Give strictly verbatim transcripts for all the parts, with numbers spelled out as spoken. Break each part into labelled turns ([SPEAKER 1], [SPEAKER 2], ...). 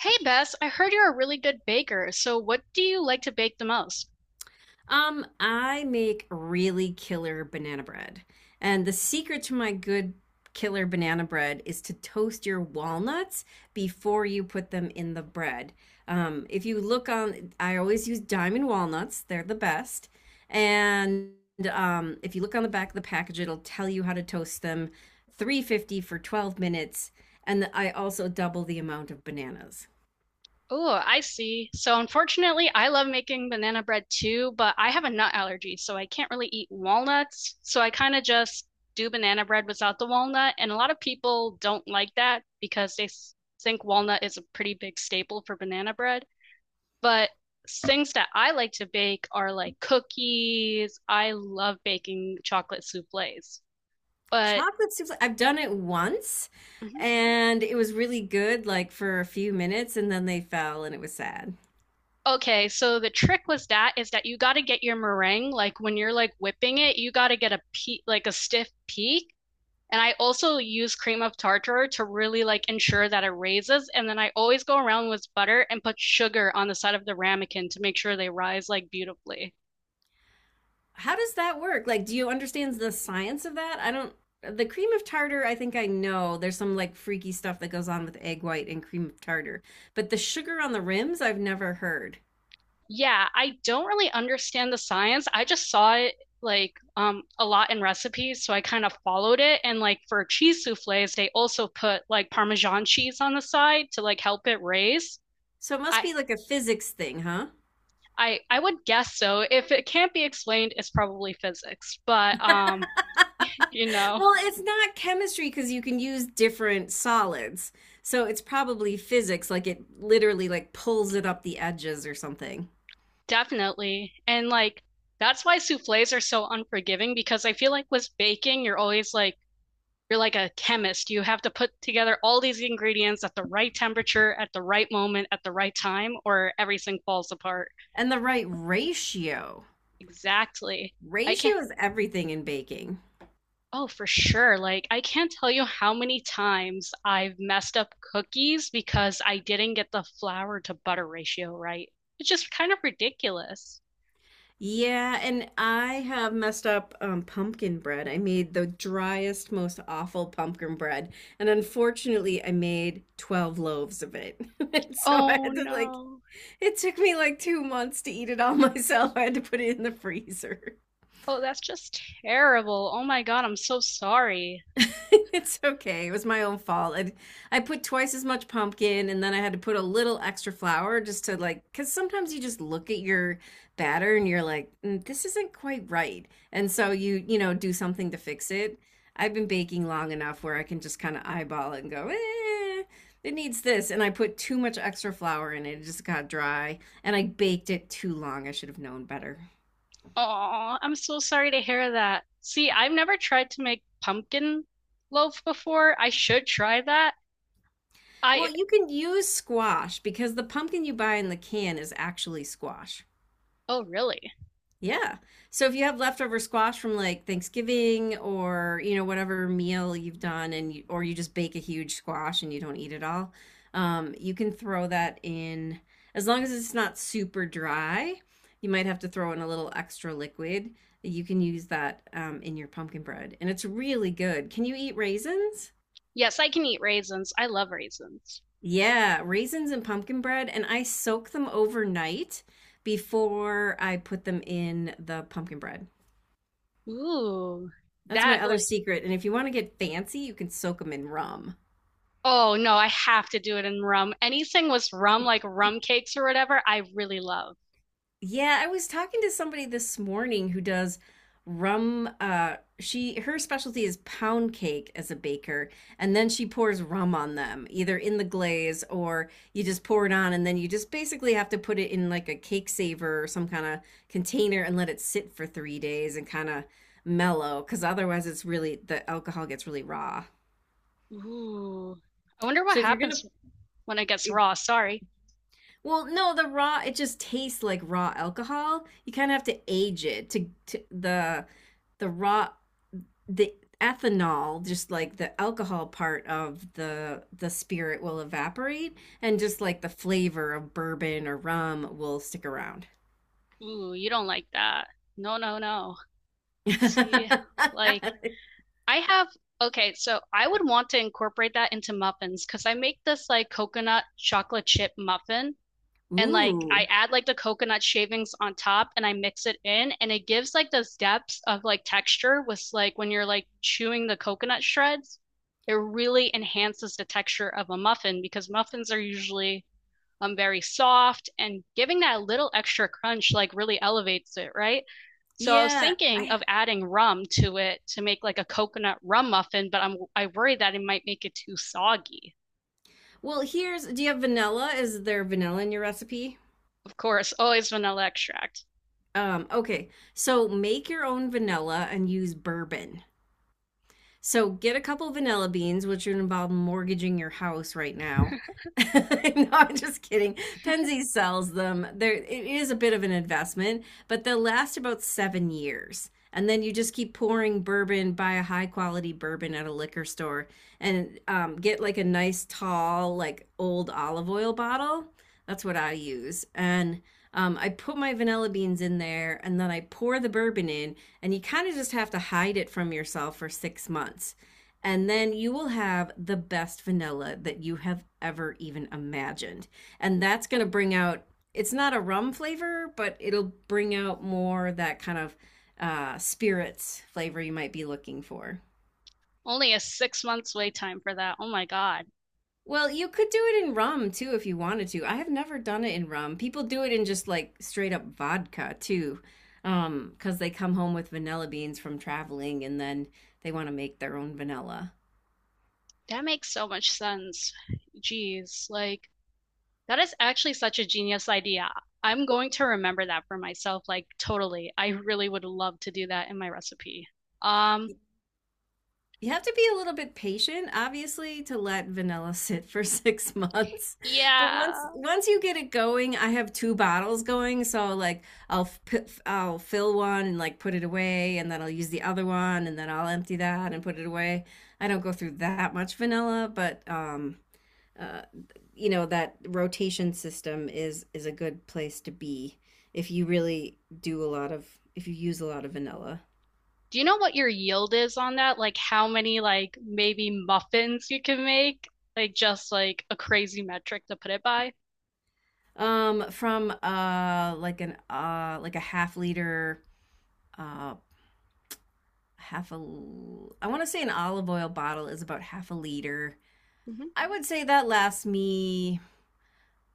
[SPEAKER 1] Hey Bess, I heard you're a really good baker. So what do you like to bake the most?
[SPEAKER 2] Um, I make really killer banana bread. And the secret to my good killer banana bread is to toast your walnuts before you put them in the bread. Um, if you look on, I always use Diamond walnuts, they're the best. And um, if you look on the back of the package, it'll tell you how to toast them. three fifty for twelve minutes. And I also double the amount of bananas.
[SPEAKER 1] Oh, I see. So unfortunately, I love making banana bread too, but I have a nut allergy, so I can't really eat walnuts. So I kind of just do banana bread without the walnut, and a lot of people don't like that because they s- think walnut is a pretty big staple for banana bread. But things that I like to bake are like cookies. I love baking chocolate soufflés. But
[SPEAKER 2] Chocolate souffle. I've done it once
[SPEAKER 1] mm-hmm.
[SPEAKER 2] and it was really good, like for a few minutes, and then they fell and it was sad.
[SPEAKER 1] Okay, so the trick was that is that you got to get your meringue like when you're like whipping it, you got to get a peak like a stiff peak. And I also use cream of tartar to really like ensure that it raises. And then I always go around with butter and put sugar on the side of the ramekin to make sure they rise like beautifully.
[SPEAKER 2] How does that work? Like, do you understand the science of that? I don't. The cream of tartar, I think I know. There's some like freaky stuff that goes on with egg white and cream of tartar, but the sugar on the rims, I've never heard.
[SPEAKER 1] Yeah, I don't really understand the science. I just saw it like um a lot in recipes, so I kind of followed it. And like for cheese soufflés, they also put like Parmesan cheese on the side to like help it raise.
[SPEAKER 2] So it must
[SPEAKER 1] I
[SPEAKER 2] be like a physics thing, huh?
[SPEAKER 1] I I would guess so. If it can't be explained, it's probably physics. But um, you know,
[SPEAKER 2] Well, it's not chemistry because you can use different solids. So it's probably physics, like it literally like pulls it up the edges or something.
[SPEAKER 1] definitely. And like that's why soufflés are so unforgiving because I feel like with baking, you're always like you're like a chemist. You have to put together all these ingredients at the right temperature, at the right moment, at the right time, or everything falls apart.
[SPEAKER 2] And the right ratio.
[SPEAKER 1] Exactly. I can't
[SPEAKER 2] Ratio is everything in baking.
[SPEAKER 1] Oh, for sure. Like, I can't tell you how many times I've messed up cookies because I didn't get the flour to butter ratio right. It's just kind of ridiculous.
[SPEAKER 2] Yeah, and I have messed up um, pumpkin bread. I made the driest, most awful pumpkin bread, and unfortunately, I made twelve loaves of it. And so I
[SPEAKER 1] Oh,
[SPEAKER 2] had to like,
[SPEAKER 1] no.
[SPEAKER 2] it took me like two months to eat it all myself. I had to put it in the freezer.
[SPEAKER 1] Oh, that's just terrible. Oh my God, I'm so sorry.
[SPEAKER 2] It's okay. It was my own fault. I I put twice as much pumpkin and then I had to put a little extra flour just to like, because sometimes you just look at your batter and you're like, "Mm, this isn't quite right." And so you, you know, do something to fix it. I've been baking long enough where I can just kind of eyeball it and go, eh, it needs this. And I put too much extra flour in it. It just got dry and I baked it too long. I should have known better.
[SPEAKER 1] Oh, I'm so sorry to hear that. See, I've never tried to make pumpkin loaf before. I should try that.
[SPEAKER 2] Well,
[SPEAKER 1] I,
[SPEAKER 2] you can use squash because the pumpkin you buy in the can is actually squash.
[SPEAKER 1] oh, really?
[SPEAKER 2] Yeah. So if you have leftover squash from like Thanksgiving or, you know, whatever meal you've done and you, or you just bake a huge squash and you don't eat it all, um, you can throw that in as long as it's not super dry. You might have to throw in a little extra liquid. You can use that um, in your pumpkin bread, and it's really good. Can you eat raisins?
[SPEAKER 1] Yes, I can eat raisins. I love raisins.
[SPEAKER 2] Yeah, raisins and pumpkin bread, and I soak them overnight before I put them in the pumpkin bread.
[SPEAKER 1] Ooh,
[SPEAKER 2] That's
[SPEAKER 1] that
[SPEAKER 2] my other
[SPEAKER 1] like
[SPEAKER 2] secret. And if you want to get fancy, you can soak them in rum.
[SPEAKER 1] Oh no, I have to do it in rum. Anything with rum, like rum cakes or whatever, I really love.
[SPEAKER 2] Yeah, I was talking to somebody this morning who does rum, uh she, her specialty is pound cake as a baker, and then she pours rum on them either in the glaze or you just pour it on and then you just basically have to put it in like a cake saver or some kind of container and let it sit for three days and kind of mellow cuz otherwise it's really, the alcohol gets really raw.
[SPEAKER 1] Ooh. I wonder what
[SPEAKER 2] So if you're going
[SPEAKER 1] happens when it gets
[SPEAKER 2] to
[SPEAKER 1] raw. Sorry.
[SPEAKER 2] Well, no, the raw, it just tastes like raw alcohol. You kind of have to age it to, to the the raw the ethanol, just like the alcohol part of the the spirit will evaporate and just like the flavor of bourbon or rum will stick around.
[SPEAKER 1] Ooh, you don't like that. No, no, no. See, like I have, okay, so I would want to incorporate that into muffins because I make this like coconut chocolate chip muffin. And like I
[SPEAKER 2] Ooh.
[SPEAKER 1] add like the coconut shavings on top and I mix it in and it gives like those depths of like texture with like when you're like chewing the coconut shreds. It really enhances the texture of a muffin because muffins are usually um very soft and giving that little extra crunch like really elevates it, right? So I was
[SPEAKER 2] Yeah.
[SPEAKER 1] thinking
[SPEAKER 2] I,
[SPEAKER 1] of adding rum to it to make like a coconut rum muffin, but I'm I worry that it might make it too soggy.
[SPEAKER 2] well, here's, do you have vanilla? Is there vanilla in your recipe?
[SPEAKER 1] Of course, always vanilla extract.
[SPEAKER 2] Um, okay. So make your own vanilla and use bourbon. So get a couple vanilla beans, which would involve mortgaging your house right now. No, I'm just kidding. Penzi sells them. There, it is a bit of an investment, but they'll last about seven years. And then you just keep pouring bourbon, buy a high quality bourbon at a liquor store, and um, get like a nice tall, like old olive oil bottle. That's what I use. And um, I put my vanilla beans in there and then I pour the bourbon in, and you kind of just have to hide it from yourself for six months. And then you will have the best vanilla that you have ever even imagined. And that's going to bring out, it's not a rum flavor, but it'll bring out more that kind of uh, spirits flavor you might be looking for.
[SPEAKER 1] Only a six months wait time for that. Oh my God.
[SPEAKER 2] Well, you could do it in rum too if you wanted to. I have never done it in rum. People do it in just like straight up vodka too. Um, because they come home with vanilla beans from traveling and then they want to make their own vanilla.
[SPEAKER 1] That makes so much sense. Jeez, like that is actually such a genius idea. I'm going to remember that for myself, like totally. I really would love to do that in my recipe. Um,
[SPEAKER 2] You have to be a little bit patient, obviously, to let vanilla sit for six months. But once
[SPEAKER 1] yeah.
[SPEAKER 2] once you get it going, I have two bottles going, so like I'll f- p- f- I'll fill one and like put it away, and then I'll use the other one, and then I'll empty that and put it away. I don't go through that much vanilla, but um, uh, you know that rotation system is is a good place to be if you really do a lot of, if you use a lot of vanilla.
[SPEAKER 1] Do you know what your yield is on that? Like how many like maybe muffins you can make? Like just like a crazy metric to put it by?
[SPEAKER 2] Um, from uh like an uh like a half liter, uh half a I want to say an olive oil bottle is about half a liter. I would say that lasts me,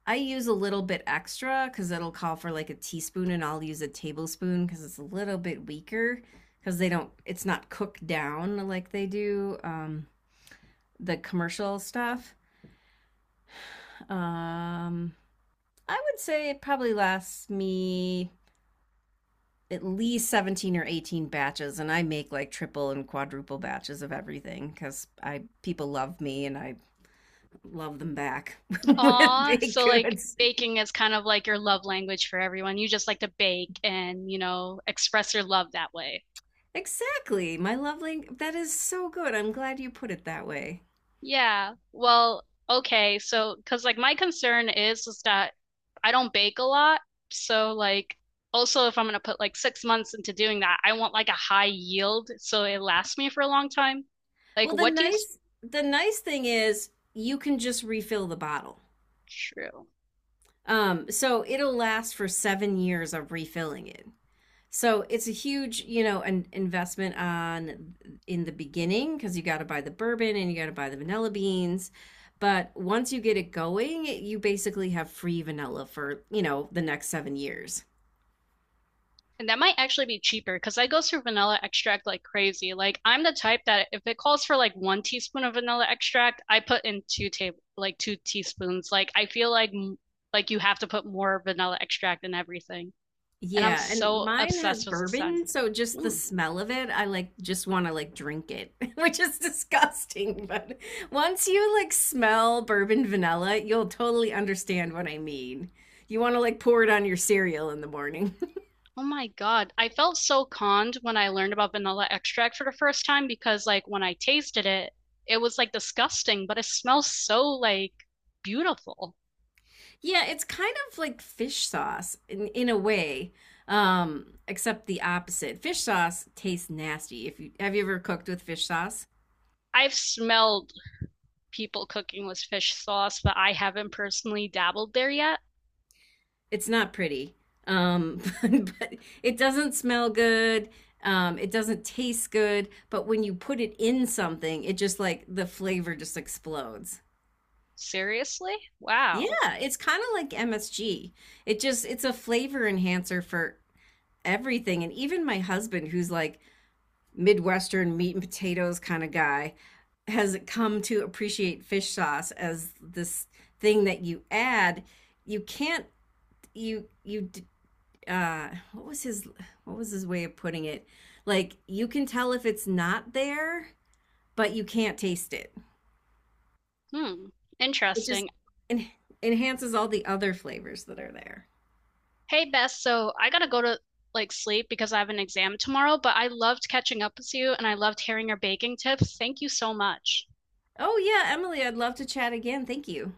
[SPEAKER 2] I use a little bit extra cuz it'll call for like a teaspoon and I'll use a tablespoon cuz it's a little bit weaker cuz they don't, it's not cooked down like they do um the commercial stuff. Um I would say it probably lasts me at least seventeen or eighteen batches, and I make like triple and quadruple batches of everything because I, people love me and I love them back with
[SPEAKER 1] Aw,
[SPEAKER 2] baked
[SPEAKER 1] so like
[SPEAKER 2] goods.
[SPEAKER 1] baking is kind of like your love language for everyone. You just like to bake and, you know, express your love that way.
[SPEAKER 2] Exactly, my lovely, that is so good. I'm glad you put it that way.
[SPEAKER 1] Yeah. Well, okay. So, because like my concern is is that I don't bake a lot. So like also if I'm gonna put like six months into doing that, I want like a high yield so it lasts me for a long time. Like
[SPEAKER 2] Well, the
[SPEAKER 1] what do you, s-
[SPEAKER 2] nice the nice thing is you can just refill the bottle,
[SPEAKER 1] true.
[SPEAKER 2] um so it'll last for seven years of refilling it. So it's a huge, you know, an investment on, in the beginning because you got to buy the bourbon and you got to buy the vanilla beans. But once you get it going, you basically have free vanilla for, you know, the next seven years.
[SPEAKER 1] And that might actually be cheaper because I go through vanilla extract like crazy. Like I'm the type that if it calls for like one teaspoon of vanilla extract, I put in two table like two teaspoons. Like I feel like like you have to put more vanilla extract in everything. And I'm
[SPEAKER 2] Yeah, and
[SPEAKER 1] so
[SPEAKER 2] mine has
[SPEAKER 1] obsessed with the scent.
[SPEAKER 2] bourbon, so just the
[SPEAKER 1] Mm.
[SPEAKER 2] smell of it, I like just want to like drink it, which is disgusting. But once you like smell bourbon vanilla, you'll totally understand what I mean. You want to like pour it on your cereal in the morning.
[SPEAKER 1] Oh my God. I felt so conned when I learned about vanilla extract for the first time because like when I tasted it, it was like disgusting, but it smells so like beautiful.
[SPEAKER 2] Yeah, it's kind of like fish sauce in in a way, um, except the opposite. Fish sauce tastes nasty. If you have you ever cooked with fish sauce?
[SPEAKER 1] I've smelled people cooking with fish sauce, but I haven't personally dabbled there yet.
[SPEAKER 2] It's not pretty. Um, but, but it doesn't smell good. Um, it doesn't taste good. But when you put it in something, it just like the flavor just explodes.
[SPEAKER 1] Seriously? Wow.
[SPEAKER 2] Yeah, it's kind of like M S G. It just it's a flavor enhancer for everything. And even my husband, who's like Midwestern meat and potatoes kind of guy, has come to appreciate fish sauce as this thing that you add. You can't you you uh What was his, what was his way of putting it? Like you can tell if it's not there, but you can't taste it.
[SPEAKER 1] Hmm.
[SPEAKER 2] It just
[SPEAKER 1] Interesting.
[SPEAKER 2] en- enhances all the other flavors that are there.
[SPEAKER 1] Hey, Beth, so I gotta go to like sleep because I have an exam tomorrow, but I loved catching up with you and I loved hearing your baking tips. Thank you so much.
[SPEAKER 2] Oh yeah, Emily, I'd love to chat again. Thank you.